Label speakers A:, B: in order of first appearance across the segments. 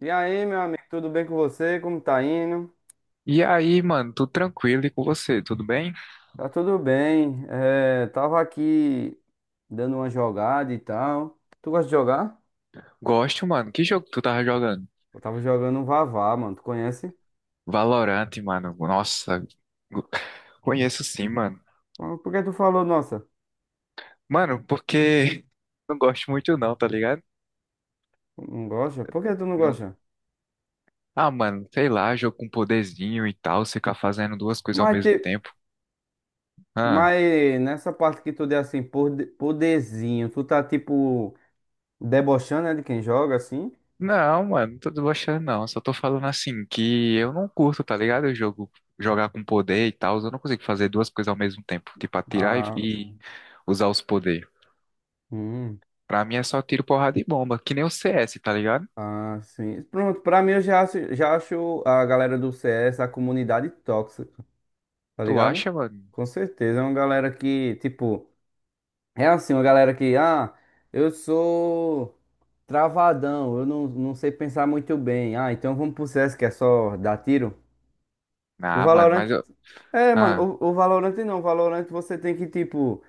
A: E aí, meu amigo, tudo bem com você? Como tá indo?
B: E aí, mano, tudo tranquilo e com você, tudo bem?
A: Tá tudo bem. É, tava aqui dando uma jogada e tal. Tu gosta de jogar?
B: Gosto, mano. Que jogo que tu tava jogando?
A: Eu tava jogando um Vavá, mano. Tu conhece?
B: Valorant, mano. Nossa, go- conheço sim, mano.
A: Por que tu falou, nossa,
B: Mano, porque não gosto muito não, tá ligado?
A: não gosta? Por que tu não
B: Não.
A: gosta?
B: Ah, mano, sei lá, jogo com poderzinho e tal, você ficar fazendo duas coisas ao
A: Mas,
B: mesmo
A: te-
B: tempo. Ah,
A: mas nessa parte que tu deu assim, poderzinho, tu tá tipo debochando, né, de quem joga assim?
B: não, mano, não tô debochando não, só tô falando assim que eu não curto, tá ligado? Eu jogo jogar com poder e tal, eu não consigo fazer duas coisas ao mesmo tempo, tipo atirar e
A: Ah,
B: e usar os poderes.
A: hum.
B: Pra mim é só tiro, porrada e bomba, que nem o CS, tá ligado?
A: Ah, sim. Pronto, pra mim eu já acho, a galera do CS, a comunidade tóxica. Tá
B: Tu
A: ligado?
B: acha, mano?
A: Com certeza. É uma galera que, tipo, é assim, uma galera que, eu sou travadão, eu não sei pensar muito bem. Ah, então vamos pro CS que é só dar tiro. O
B: Ah, mano,
A: Valorant.
B: mas eu.
A: É,
B: Ah,
A: mano, o Valorant não. O Valorant você tem que, tipo.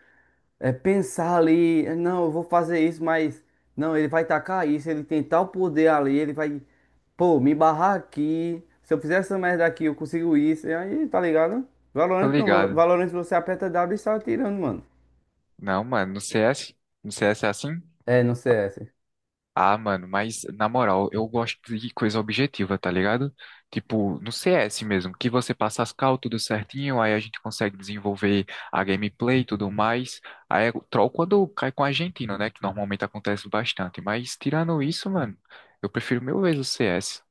A: É pensar ali, não, eu vou fazer isso, mas não, ele vai tacar isso, ele tem tal poder ali, ele vai, pô, me barrar aqui. Se eu fizer essa merda aqui, eu consigo isso. E aí, tá ligado?
B: tô
A: Valorant não,
B: ligado.
A: Valorant você aperta W e sai atirando, mano.
B: Não, mano, no CS? No CS é assim?
A: É, no CS.
B: Ah, mano, mas na moral, eu gosto de coisa objetiva, tá ligado? Tipo, no CS mesmo, que você passa as cal, tudo certinho, aí a gente consegue desenvolver a gameplay e tudo mais. Aí é o troll quando cai com o argentino, né? Que normalmente acontece bastante. Mas tirando isso, mano, eu prefiro mil vezes o CS.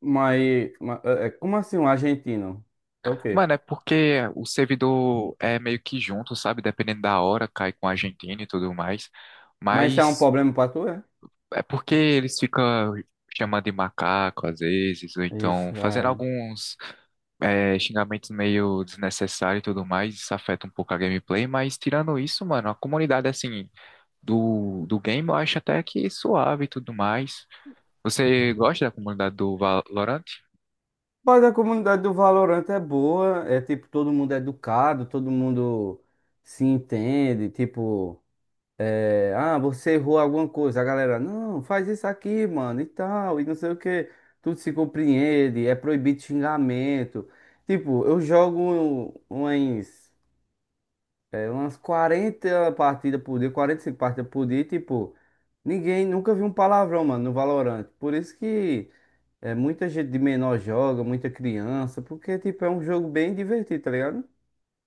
A: É, como assim um argentino? É o quê?
B: Mano, é porque o servidor é meio que junto, sabe? Dependendo da hora, cai com a Argentina e tudo mais.
A: Mas isso é um
B: Mas
A: problema pra tu, é?
B: é porque eles ficam chamando de macaco às vezes, ou então
A: Ixi,
B: fazendo
A: é.
B: alguns xingamentos meio desnecessários e tudo mais. Isso afeta um pouco a gameplay, mas tirando isso, mano, a comunidade assim do game eu acho até que suave e tudo mais. Você gosta da comunidade do Valorant?
A: Mas a comunidade do Valorant é boa, é tipo, todo mundo é educado, todo mundo se entende, tipo. É, você errou alguma coisa, a galera, não, faz isso aqui, mano, e tal, e não sei o que, tudo se compreende, é proibido xingamento. Tipo, eu jogo umas, umas 40 partidas por dia, 45 partidas por dia, e, tipo, ninguém nunca viu um palavrão, mano, no Valorant. Por isso que é, muita gente de menor joga, muita criança, porque, tipo, é um jogo bem divertido, tá ligado?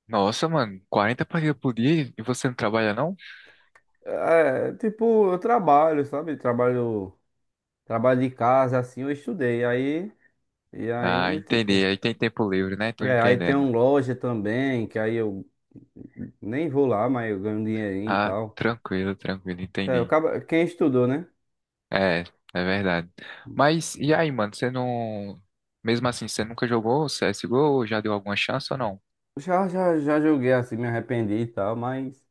B: Nossa, mano, 40 partidas por dia e você não trabalha não?
A: É, tipo, eu trabalho, sabe? Trabalho. Trabalho de casa, assim, eu estudei. Aí, e
B: Ah,
A: aí,
B: entendi.
A: tipo.
B: Aí tem tempo livre, né? Tô
A: É, aí tem
B: entendendo.
A: uma loja também, que aí eu nem vou lá, mas eu ganho um dinheirinho e
B: Ah,
A: tal.
B: tranquilo, tranquilo,
A: É,
B: entendi.
A: quem estudou, né?
B: É, é verdade. Mas e aí, mano, você não. Mesmo assim, você nunca jogou CSGO? Já deu alguma chance ou não?
A: Já joguei assim, me arrependi e tal, mas.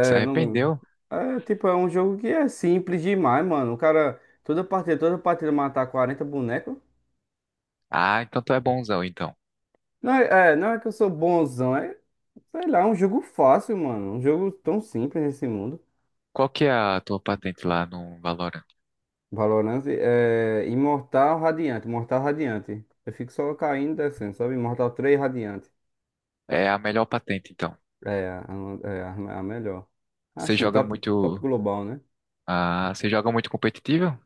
B: Se
A: não.
B: arrependeu?
A: É, tipo, é um jogo que é simples demais, mano. O cara, toda partida matar 40 bonecos.
B: Ah, então tu é bonzão, então.
A: Não é que eu sou bonzão, é, sei lá, é um jogo fácil, mano. Um jogo tão simples nesse mundo.
B: Qual que é a tua patente lá no Valorant?
A: Valorant é Imortal Radiante, Imortal Radiante. Eu fico só caindo e descendo, sabe? Imortal 3 Radiante.
B: É a melhor patente, então.
A: É a melhor.
B: Você
A: Assim,
B: joga
A: top, top
B: muito.
A: global, né?
B: Ah, você joga muito competitivo?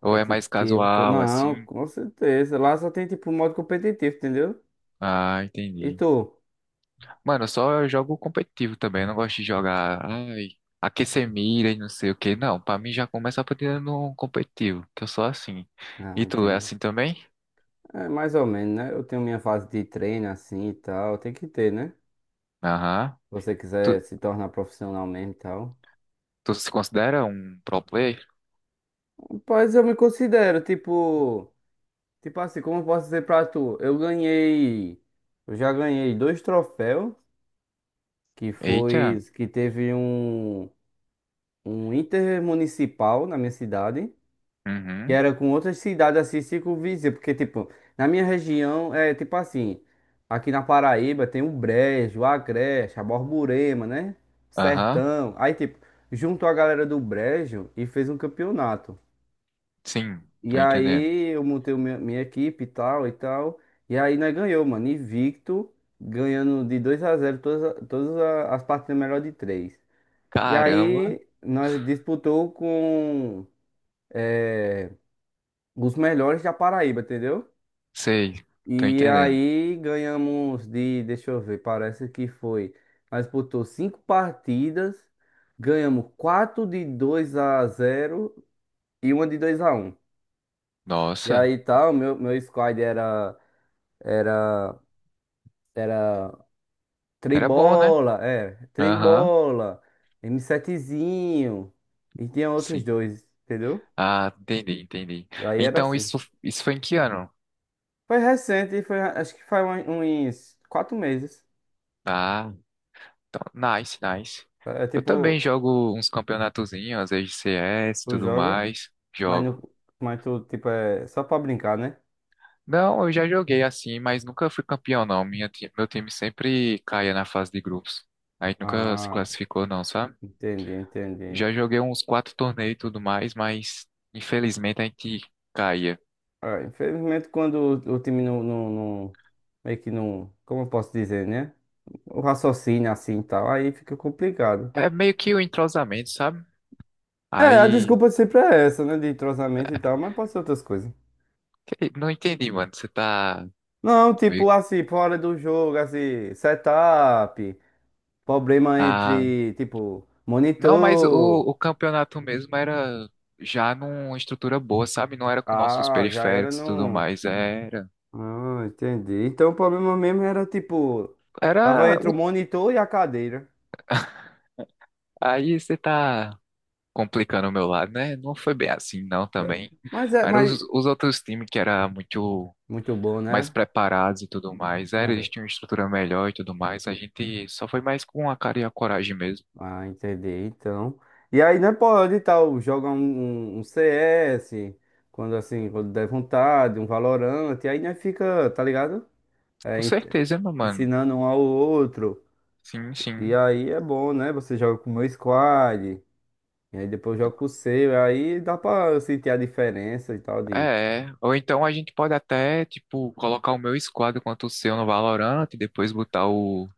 B: Ou é mais casual, assim?
A: Não, com certeza. Lá só tem tipo modo competitivo, entendeu?
B: Ah,
A: E
B: entendi.
A: tu?
B: Mano, eu só jogo competitivo também. Eu não gosto de jogar, ai, aquecer mira e não sei o que. Não, pra mim já começa a partir no competitivo, que eu sou assim.
A: Ah,
B: E tu é
A: entendi.
B: assim também?
A: É mais ou menos, né? Eu tenho minha fase de treino assim e tal. Tem que ter, né? Se
B: Aham.
A: você
B: Tu,
A: quiser se tornar profissional mesmo e tal.
B: tu se considera um pro player?
A: Rapaz, eu me considero, tipo. Tipo assim, como eu posso dizer pra tu? Eu ganhei. Eu já ganhei dois troféus. Que foi.
B: Eita.
A: Que teve um. Um intermunicipal na minha cidade. Que
B: Uhum.
A: era com outras cidades assim, circunvizinhas. Porque, tipo, na minha região é tipo assim. Aqui na Paraíba tem o Brejo, o Agreste, a Borborema, né?
B: Aham.
A: Sertão. Aí, tipo, juntou a galera do Brejo e fez um campeonato.
B: Sim,
A: E
B: tô entendendo.
A: aí eu montei minha equipe e tal e tal. E aí nós ganhou, mano. Invicto, ganhando de 2-0 todas as partidas melhor de três. E
B: Caramba.
A: aí nós disputou com eh, os melhores da Paraíba, entendeu?
B: Sei, tô
A: E
B: entendendo.
A: aí ganhamos de, deixa eu ver, parece que foi. Nós disputou cinco partidas, ganhamos quatro de 2-0 e uma de 2-1. E
B: Nossa,
A: aí tal, meu squad era. Era, era
B: era bom, né?
A: Trembola, é,
B: Aham.
A: Trembola, m 7 e tinha outros
B: Sim.
A: dois, entendeu?
B: Ah, entendi, entendi.
A: Aí era
B: Então
A: assim.
B: isso foi em que ano?
A: Foi recente, foi, acho que foi uns 4 meses.
B: ah Então, nice, nice.
A: É
B: Eu também
A: tipo,
B: jogo uns campeonatozinhos, às vezes CS e
A: tu
B: tudo
A: joga,
B: mais.
A: mas,
B: Jogo.
A: não, mas tu, tipo, é só pra brincar, né?
B: Não, eu já joguei assim, mas nunca fui campeão, não. Meu time sempre caía na fase de grupos. A gente nunca se
A: Ah,
B: classificou, não, sabe?
A: entendi, entendi.
B: Já joguei uns quatro torneios e tudo mais, mas infelizmente a gente caía.
A: É, infelizmente, quando o time não, não meio que não, como eu posso dizer, né? O raciocínio assim e tal, aí fica complicado.
B: É meio que o entrosamento, sabe?
A: É, a
B: Aí,
A: desculpa sempre é essa, né? De entrosamento e tal, mas pode ser outras coisas.
B: não entendi, mano. Você tá
A: Não, tipo
B: meio.
A: assim, fora do jogo, assim, setup, problema
B: ah,
A: entre, tipo,
B: Não, mas o,
A: monitor.
B: o campeonato mesmo era já numa estrutura boa, sabe? Não era com nossos
A: Ah, já era
B: periféricos e tudo
A: no.
B: mais. Era.
A: Ah, entendi. Então o problema mesmo era, tipo, tava
B: Era.
A: entre o monitor e a cadeira.
B: Aí você tá complicando o meu lado, né? Não foi bem assim, não,
A: É.
B: também.
A: Mas é,
B: Eram
A: mas.
B: os outros times que era muito
A: Muito bom,
B: mais
A: né?
B: preparados e tudo mais. Era,
A: Era?
B: eles tinham uma estrutura melhor e tudo mais. A gente só foi mais com a cara e a coragem mesmo.
A: Ah, entendi. Então. E aí, né, pode e tal, joga um, um CS, quando assim, quando der vontade, um Valorant, e aí, né, fica, tá ligado? É,
B: Com certeza, meu mano.
A: ensinando um ao outro.
B: Sim,
A: E
B: sim.
A: aí é bom, né? Você joga com o meu squad, e aí depois joga com o seu, e aí dá pra eu sentir a diferença e tal de.
B: É, é. Ou então a gente pode até, tipo, colocar o meu squad contra o seu no Valorant e depois botar o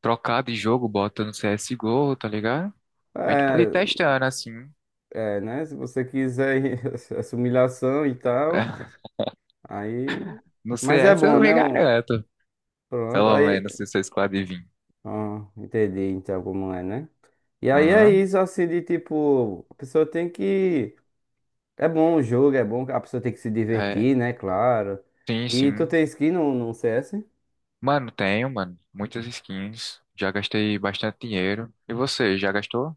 B: trocar de jogo, bota no CSGO, tá ligado? A gente pode ir
A: É,
B: testando assim.
A: é, né? Se você quiser essa humilhação e tal, aí.
B: No
A: Mas é
B: CS
A: bom,
B: eu lhe
A: né?
B: garanto,
A: Pronto,
B: pelo
A: aí.
B: menos se o seu squad vir.
A: Ah, entendi então como é, né? E aí é
B: Aham.
A: isso, assim, de tipo, a pessoa tem que. É bom o jogo, é bom, que a pessoa tem que se
B: É,
A: divertir, né? Claro.
B: sim,
A: E tu
B: sim.
A: tem skin no, CS?
B: Mano, tenho, mano, muitas skins. Já gastei bastante dinheiro. E você, já gastou?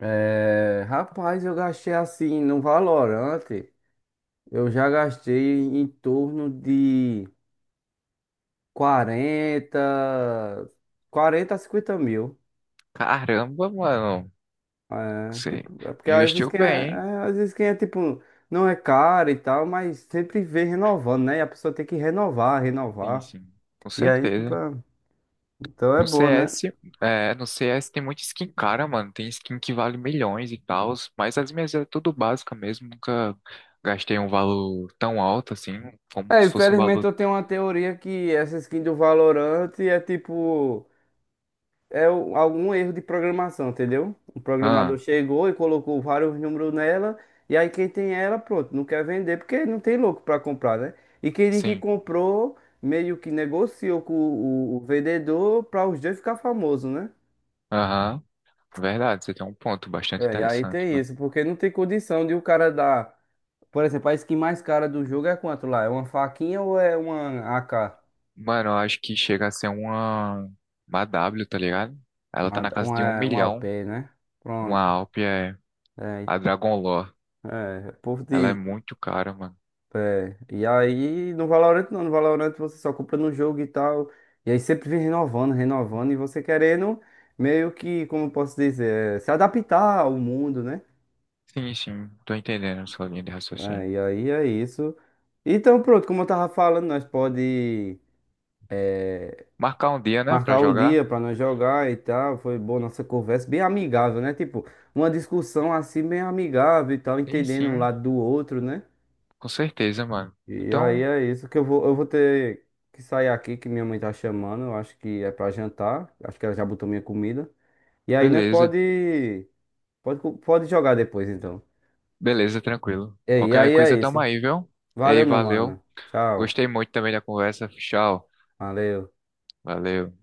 A: É, rapaz, eu gastei assim no valorante. Eu já gastei em torno de 40 40 a 50 mil.
B: Caramba, mano,
A: É,
B: você
A: tipo, é porque às vezes
B: investiu
A: quem é,
B: bem,
A: é, às vezes quem é tipo, não é caro e tal, mas sempre vem renovando, né? E a pessoa tem que renovar,
B: hein? Sim,
A: renovar.
B: sim, com
A: E aí,
B: certeza.
A: pra... então é
B: No
A: bom, né?
B: CS, é, no CS tem muita skin cara, mano. Tem skin que vale milhões e tal, mas as minhas é tudo básica mesmo. Nunca gastei um valor tão alto assim, como
A: É,
B: se fosse um
A: infelizmente
B: valor.
A: eu tenho uma teoria que essa skin do Valorant é tipo. É algum erro de programação, entendeu? O programador
B: Ah,
A: chegou e colocou vários números nela, e aí quem tem ela, pronto, não quer vender porque não tem louco para comprar, né? E quem diz que
B: sim.
A: comprou, meio que negociou com o vendedor para os dois ficar famoso, né?
B: Aham. Verdade, você tem um ponto bastante
A: É, e aí
B: interessante,
A: tem
B: mano.
A: isso, porque não tem condição de o cara dar. Por exemplo, a skin mais cara do jogo é quanto lá? É uma faquinha ou é uma AK?
B: Mano, eu acho que chega a ser uma W, tá ligado? Ela tá
A: Uma,
B: na casa de um
A: uma, uma
B: milhão.
A: OP, né?
B: Uma
A: Pronto.
B: Alp é
A: É,
B: a Dragon Lore.
A: é, o povo
B: Ela é
A: diz.
B: muito cara, mano.
A: É, e aí no Valorant não, no Valorant você só compra no jogo e tal, e aí sempre vem renovando, renovando, e você querendo meio que, como eu posso dizer, é, se adaptar ao mundo, né?
B: Sim, sim, tô entendendo a sua linha de
A: É,
B: raciocínio.
A: e aí é isso. Então pronto, como eu tava falando, nós pode
B: Marcar um dia, né, pra
A: marcar um
B: jogar.
A: dia pra nós jogar e tal, foi boa nossa conversa, bem amigável, né? Tipo, uma discussão assim bem amigável e tal,
B: Sim,
A: entendendo um
B: sim,
A: lado do outro, né?
B: com certeza, mano.
A: E aí
B: Então,
A: é isso que eu vou ter que sair aqui, que minha mãe tá chamando, eu acho que é pra jantar, acho que ela já botou minha comida. E aí, né,
B: beleza.
A: pode jogar depois, então.
B: Beleza, tranquilo.
A: E
B: Qualquer
A: aí é
B: coisa, tamo
A: isso.
B: aí, viu? Ei,
A: Valeu, meu
B: valeu.
A: mano. Tchau.
B: Gostei muito também da conversa. Tchau.
A: Valeu.
B: Valeu.